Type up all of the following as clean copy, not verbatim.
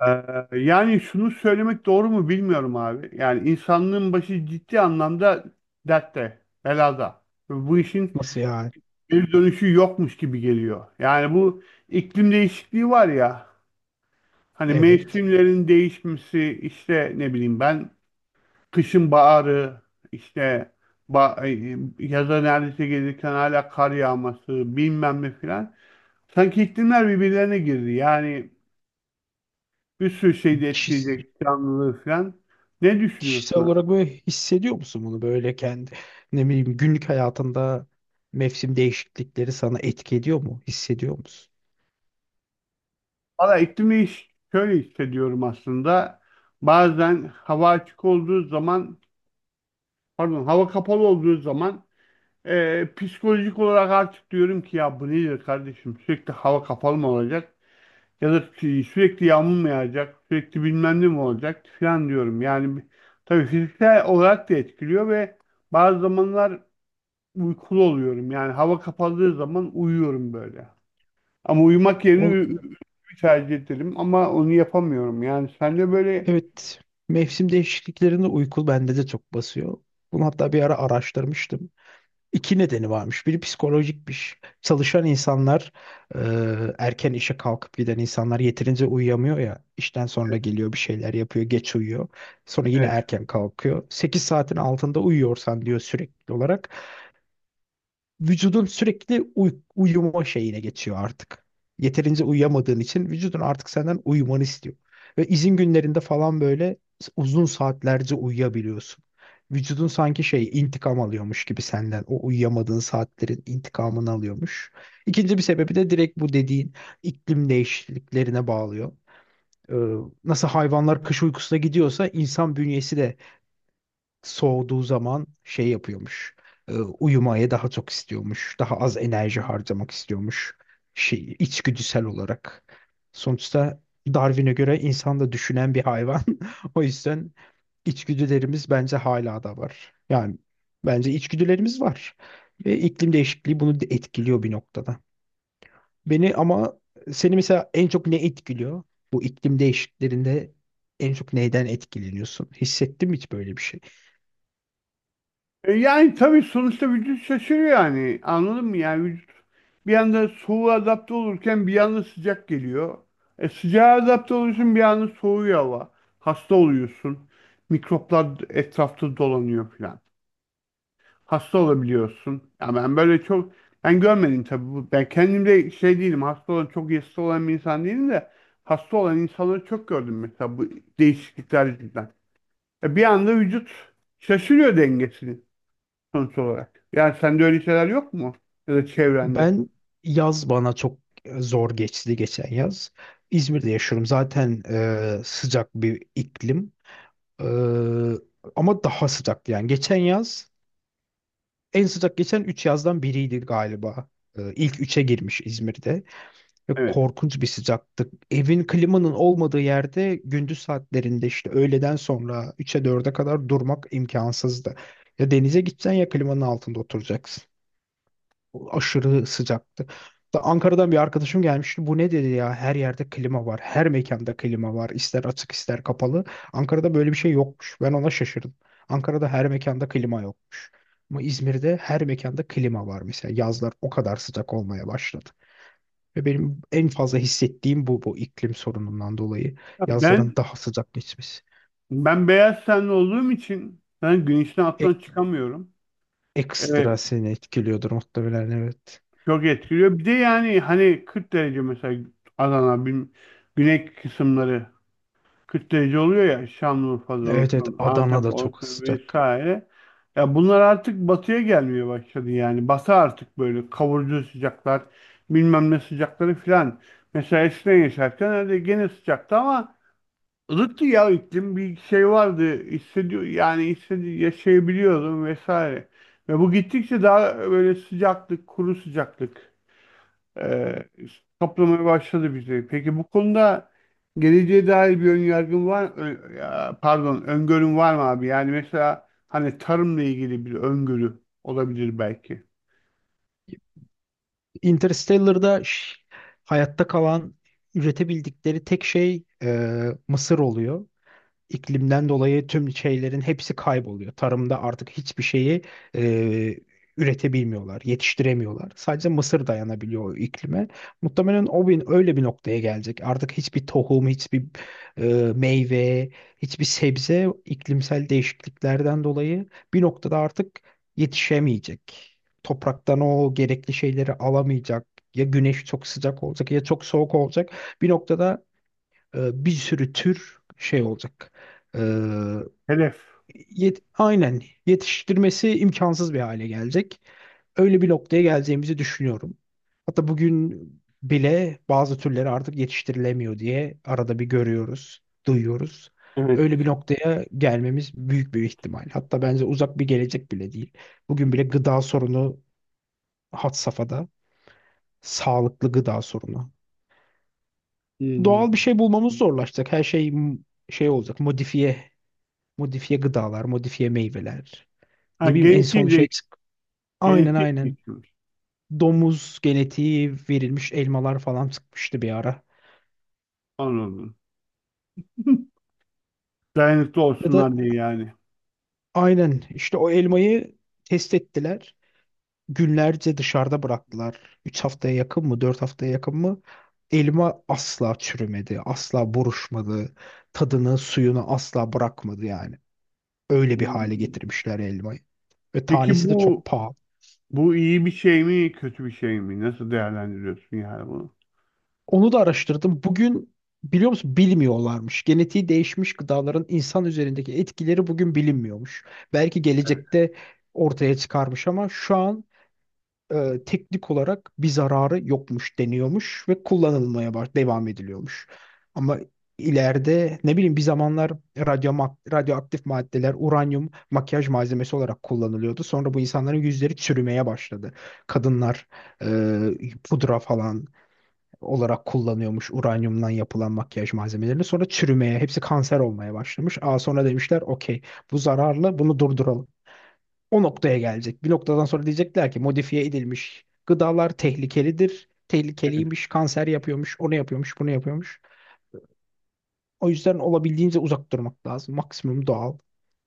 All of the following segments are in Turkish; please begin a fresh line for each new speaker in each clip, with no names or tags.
Ee, Yani şunu söylemek doğru mu bilmiyorum abi. Yani insanlığın başı ciddi anlamda dertte, belada. Ve bu işin
Nasıl yani?
bir dönüşü yokmuş gibi geliyor. Yani bu iklim değişikliği var ya, hani
Evet.
mevsimlerin değişmesi, işte ne bileyim ben kışın baharı, işte yaza neredeyse gelirken hala kar yağması, bilmem ne filan. Sanki iklimler birbirlerine girdi. Yani bir sürü şeyi de
Kişis-
etkileyecek canlılığı falan. Ne
Kişisel
düşünüyorsun?
olarak böyle hissediyor musun, bunu böyle kendi ne bileyim günlük hayatında mevsim değişiklikleri sana etki ediyor mu? Hissediyor musun?
Valla iklim değiş şöyle hissediyorum aslında. Bazen hava açık olduğu zaman pardon hava kapalı olduğu zaman psikolojik olarak artık diyorum ki ya bu nedir kardeşim sürekli hava kapalı mı olacak ya da sürekli yağmur mu yağacak sürekli bilmem ne mi olacak falan diyorum. Yani tabii fiziksel olarak da etkiliyor ve bazı zamanlar uykulu oluyorum. Yani hava kapalı zaman uyuyorum böyle. Ama uyumak yerine
O,
tercih ederim ama onu yapamıyorum. Yani sen de böyle
evet. Mevsim değişikliklerinde uyku bende de çok basıyor. Bunu hatta bir ara araştırmıştım. İki nedeni varmış. Biri psikolojikmiş. Çalışan insanlar, e, erken işe kalkıp giden insanlar yeterince uyuyamıyor ya. İşten sonra geliyor, bir şeyler yapıyor, geç uyuyor. Sonra yine
evet.
erken kalkıyor. 8 saatin altında uyuyorsan diyor, sürekli olarak vücudun sürekli uyuma şeyine geçiyor artık. Yeterince uyuyamadığın için vücudun artık senden uyumanı istiyor. Ve izin günlerinde falan böyle uzun saatlerce uyuyabiliyorsun. Vücudun sanki şey, intikam alıyormuş gibi senden. O uyuyamadığın saatlerin intikamını alıyormuş. İkinci bir sebebi de direkt bu dediğin iklim değişikliklerine bağlıyor. Ee, nasıl hayvanlar kış uykusuna gidiyorsa insan bünyesi de soğuduğu zaman şey yapıyormuş. Uyumaya daha çok istiyormuş. Daha az enerji harcamak istiyormuş. Şey, içgüdüsel olarak. Sonuçta Darwin'e göre insan da düşünen bir hayvan. O yüzden içgüdülerimiz bence hala da var. Yani bence içgüdülerimiz var. Ve iklim değişikliği bunu de etkiliyor bir noktada. Beni ama, seni mesela en çok ne etkiliyor? Bu iklim değişikliklerinde en çok neyden etkileniyorsun? Hissettin mi hiç böyle bir şey?
Yani tabii sonuçta vücut şaşırıyor yani. Anladın mı? Yani vücut bir anda soğuğa adapte olurken bir anda sıcak geliyor. Sıcağa adapte oluyorsun bir anda soğuyor hava. Hasta oluyorsun. Mikroplar etrafta dolanıyor falan. Hasta olabiliyorsun. Ya ben böyle çok ben görmedim tabii bu. Ben kendimde şey değilim. Hasta olan çok iyi hasta olan bir insan değilim de hasta olan insanları çok gördüm mesela bu değişiklikler yüzünden. E bir anda vücut şaşırıyor dengesini sonuç olarak. Yani sende öyle şeyler yok mu? Ya da çevrende.
Ben, yaz bana çok zor geçti geçen yaz. İzmir'de yaşıyorum. Zaten sıcak bir iklim. E, ama daha sıcaktı yani. Geçen yaz en sıcak geçen 3 yazdan biriydi galiba. İlk üçe girmiş İzmir'de. Ve
Evet.
korkunç bir sıcaktı. Evin, klimanın olmadığı yerde gündüz saatlerinde, işte öğleden sonra 3'e 4'e kadar durmak imkansızdı. Ya denize gideceksin ya klimanın altında oturacaksın. Aşırı sıcaktı. Da Ankara'dan bir arkadaşım gelmişti. Bu ne dedi ya? Her yerde klima var. Her mekanda klima var. İster açık ister kapalı. Ankara'da böyle bir şey yokmuş. Ben ona şaşırdım. Ankara'da her mekanda klima yokmuş. Ama İzmir'de her mekanda klima var mesela. Yazlar o kadar sıcak olmaya başladı. Ve benim en fazla hissettiğim bu iklim sorunundan dolayı
Ya
yazların
ben
daha sıcak geçmesi.
ben beyaz tenli olduğum için ben güneşten
E-
alttan çıkamıyorum. Ee,
ekstra seni etkiliyordur muhtemelen, evet.
Çok etkiliyor. Bir de yani hani 40 derece mesela Adana, güney kısımları 40 derece oluyor ya Şanlıurfa'da
Evet, evet,
olsun, Antep
Adana'da çok
olsun
sıcak.
vesaire. Ya bunlar artık batıya gelmeye başladı yani. Batı artık böyle kavurucu sıcaklar, bilmem ne sıcakları filan. Mesela eskiden yaşarken öyle gene sıcaktı ama ılıktı ya iklim bir şey vardı hissediyor yani hissedi yaşayabiliyordum vesaire. Ve bu gittikçe daha böyle sıcaklık, kuru sıcaklık e, kaplamaya başladı bizi. Peki bu konuda geleceğe dair bir ön yargın var, pardon, öngörün var mı abi? Yani mesela hani tarımla ilgili bir öngörü olabilir belki.
Interstellar'da hayatta kalan, üretebildikleri tek şey mısır oluyor. İklimden dolayı tüm şeylerin hepsi kayboluyor. Tarımda artık hiçbir şeyi e, üretebilmiyorlar, yetiştiremiyorlar. Sadece mısır dayanabiliyor o iklime. Muhtemelen o öyle bir noktaya gelecek. Artık hiçbir tohum, hiçbir e, meyve, hiçbir sebze iklimsel değişikliklerden dolayı bir noktada artık yetişemeyecek. Topraktan o gerekli şeyleri alamayacak. Ya güneş çok sıcak olacak ya çok soğuk olacak. Bir noktada bir sürü tür şey olacak. E,
Hedef.
aynen, yetiştirmesi imkansız bir hale gelecek. Öyle bir noktaya geleceğimizi düşünüyorum. Hatta bugün bile bazı türleri artık yetiştirilemiyor diye arada bir görüyoruz, duyuyoruz.
Evet.
Öyle bir noktaya gelmemiz büyük bir ihtimal. Hatta bence uzak bir gelecek bile değil. Bugün bile gıda sorunu had safhada. Sağlıklı gıda sorunu. Doğal bir
Hmm.
şey bulmamız zorlaşacak. Her şey şey olacak, modifiye. Modifiye gıdalar, modifiye meyveler.
Ha,
Ne bileyim en son şey çık. Aynen,
genetiği
aynen.
değiştirmiş.
Domuz genetiği verilmiş elmalar falan çıkmıştı bir ara.
Anladım. Dayanıklı
Ya da
olsunlar diye yani.
aynen işte, o elmayı test ettiler. Günlerce dışarıda bıraktılar. 3 haftaya yakın mı, 4 haftaya yakın mı? Elma asla çürümedi, asla buruşmadı. Tadını, suyunu asla bırakmadı yani. Öyle bir hale
Hmm.
getirmişler elmayı. Ve
Peki
tanesi de çok
bu
pahalı.
bu iyi bir şey mi, kötü bir şey mi? Nasıl değerlendiriyorsun yani bunu?
Onu da araştırdım. Bugün, biliyor musun, bilmiyorlarmış. Genetiği değişmiş gıdaların insan üzerindeki etkileri bugün bilinmiyormuş. Belki
Evet.
gelecekte ortaya çıkarmış ama şu an teknik olarak bir zararı yokmuş deniyormuş ve kullanılmaya baş devam ediliyormuş. Ama ileride, ne bileyim, bir zamanlar radyoaktif maddeler, uranyum, makyaj malzemesi olarak kullanılıyordu. Sonra bu insanların yüzleri çürümeye başladı. Kadınlar pudra falan olarak kullanıyormuş uranyumdan yapılan makyaj malzemelerini. Sonra çürümeye, hepsi kanser olmaya başlamış. Aa, sonra demişler okey, bu zararlı, bunu durduralım. O noktaya gelecek. Bir noktadan sonra diyecekler ki modifiye edilmiş gıdalar tehlikelidir.
Evet.
Tehlikeliymiş, kanser yapıyormuş, onu yapıyormuş, bunu yapıyormuş. O yüzden olabildiğince uzak durmak lazım. Maksimum doğal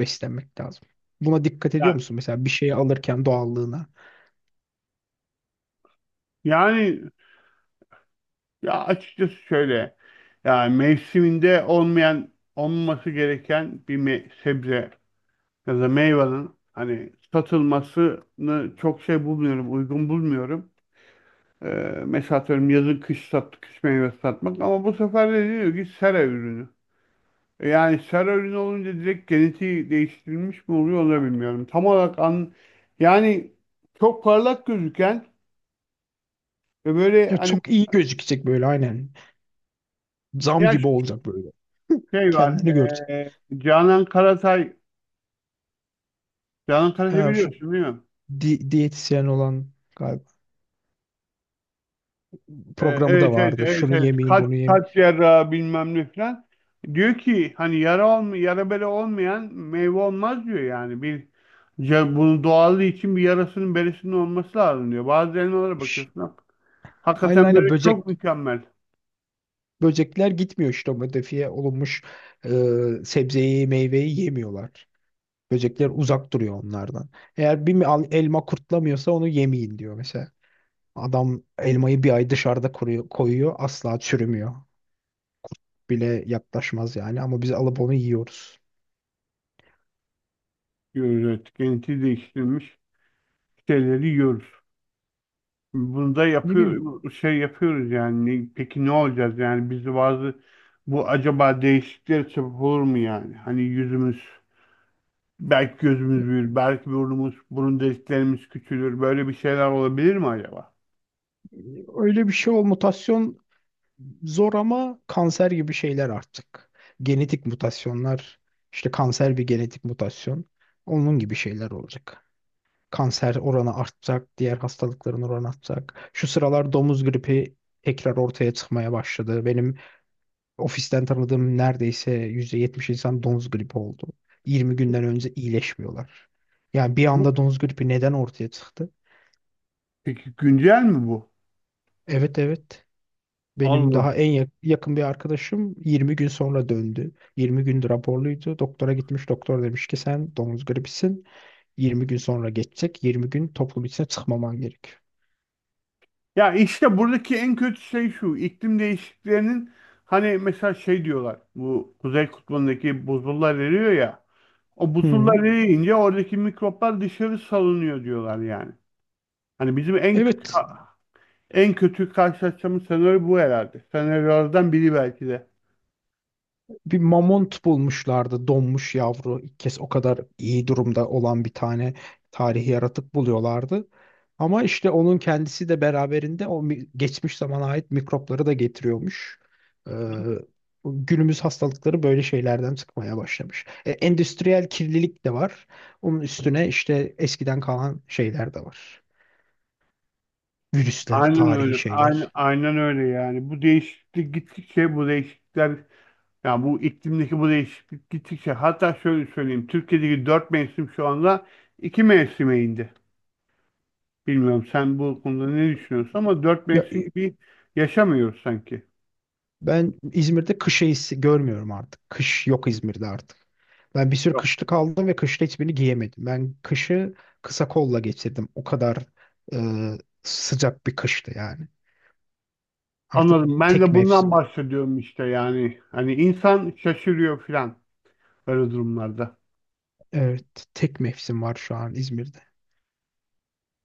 beslenmek lazım. Buna dikkat ediyor
Ya,
musun? Mesela bir şeyi alırken doğallığına.
yani ya açıkçası şöyle. Yani mevsiminde olmayan, olmaması gereken bir sebze ya da meyvanın hani satılmasını çok şey bulmuyorum, uygun bulmuyorum. Ee, Mesela atıyorum yazın kış meyvesi satmak ama bu sefer de diyor ki sera ürünü. E yani sera ürünü olunca direkt genetiği değiştirilmiş mi oluyor onu da bilmiyorum. Tam olarak an, yani çok parlak gözüken ve böyle
Ya
hani
çok iyi gözükecek böyle, aynen. Zam
yaş
gibi olacak böyle.
şey var.
Kendini görecek.
Canan Karatay Canan Karatay
Ha, şu
biliyorsun değil mi?
diyetisyen olan galiba, programı da
Evet evet
vardı.
evet
Şunu
evet.
yemeyin,
Kalp,
bunu yemeyin.
kalp cerrahı bilmem ne falan. Diyor ki hani yara olma, yara bere olmayan meyve olmaz diyor yani. Bir ya bunun doğallığı için bir yarasının beresinin olması lazım diyor. Bazı elmalara
Ş-
bakıyorsun.
Aynen,
Hakikaten
aynen,
böyle çok mükemmel
böcekler gitmiyor, işte o modifiye olunmuş e, sebzeyi, meyveyi yemiyorlar. Böcekler uzak duruyor onlardan. Eğer bir elma kurtlamıyorsa onu yemeyin diyor mesela. Adam elmayı bir ay dışarıda kuruyor, koyuyor, asla çürümüyor. Bile yaklaşmaz yani, ama biz alıp onu yiyoruz.
diyoruz evet. Genetiği değiştirilmiş şeyleri yiyoruz. Bunu da
Ne bileyim,
yapıyor, şey yapıyoruz yani. Peki ne olacağız yani? Biz de bazı bu acaba değişikliklere sebep olur mu yani? Hani yüzümüz belki gözümüz büyür, belki burnumuz, burun deliklerimiz küçülür. Böyle bir şeyler olabilir mi acaba?
öyle bir şey o, mutasyon. Zor, ama kanser gibi şeyler artık. Genetik mutasyonlar, işte kanser bir genetik mutasyon. Onun gibi şeyler olacak. Kanser oranı artacak, diğer hastalıkların oranı artacak. Şu sıralar domuz gripi tekrar ortaya çıkmaya başladı. Benim ofisten tanıdığım neredeyse %70 insan domuz gripi oldu. 20 günden önce iyileşmiyorlar. Yani bir
Bu,
anda domuz gripi neden ortaya çıktı?
peki güncel mi bu?
Evet, evet. Benim daha
Allah.
en yakın bir arkadaşım 20 gün sonra döndü. 20 gündür raporluydu. Doktora gitmiş. Doktor demiş ki sen domuz gribisin. 20 gün sonra geçecek. 20 gün toplum içine çıkmaman gerek.
Ya işte buradaki en kötü şey şu. İklim değişikliklerinin hani mesela şey diyorlar. Bu Kuzey Kutbu'ndaki buzullar eriyor ya. O buzullar
Hı.
eriyince oradaki mikroplar dışarı salınıyor diyorlar yani. Hani bizim en
Evet.
en kötü karşılaşacağımız senaryo bu herhalde. Senaryolardan biri belki de.
Bir mamont bulmuşlardı, donmuş yavru. İlk kez o kadar iyi durumda olan bir tane tarihi yaratık buluyorlardı. Ama işte onun kendisi de beraberinde o geçmiş zamana ait mikropları da getiriyormuş. Ee, günümüz hastalıkları böyle şeylerden çıkmaya başlamış. Endüstriyel kirlilik de var. Onun üstüne işte eskiden kalan şeyler de var. Virüsler,
Aynen
tarihi
öyle. Aynen,
şeyler.
aynen öyle yani. Bu değişiklikler yani bu iklimdeki bu değişiklik gittikçe hatta şöyle söyleyeyim. Türkiye'deki dört mevsim şu anda iki mevsime indi. Bilmiyorum sen bu konuda ne düşünüyorsun ama dört
Ya,
mevsim gibi yaşamıyoruz sanki.
ben İzmir'de kış eğisi görmüyorum artık. Kış yok İzmir'de artık. Ben bir sürü
Yok.
kışlık aldım ve kışta hiçbirini giyemedim. Ben kışı kısa kolla geçirdim. O kadar e, sıcak bir kıştı yani. Artık
Anladım. Ben
tek
de bundan
mevsim.
bahsediyorum işte yani. Hani insan şaşırıyor filan böyle durumlarda.
Evet, tek mevsim var şu an İzmir'de.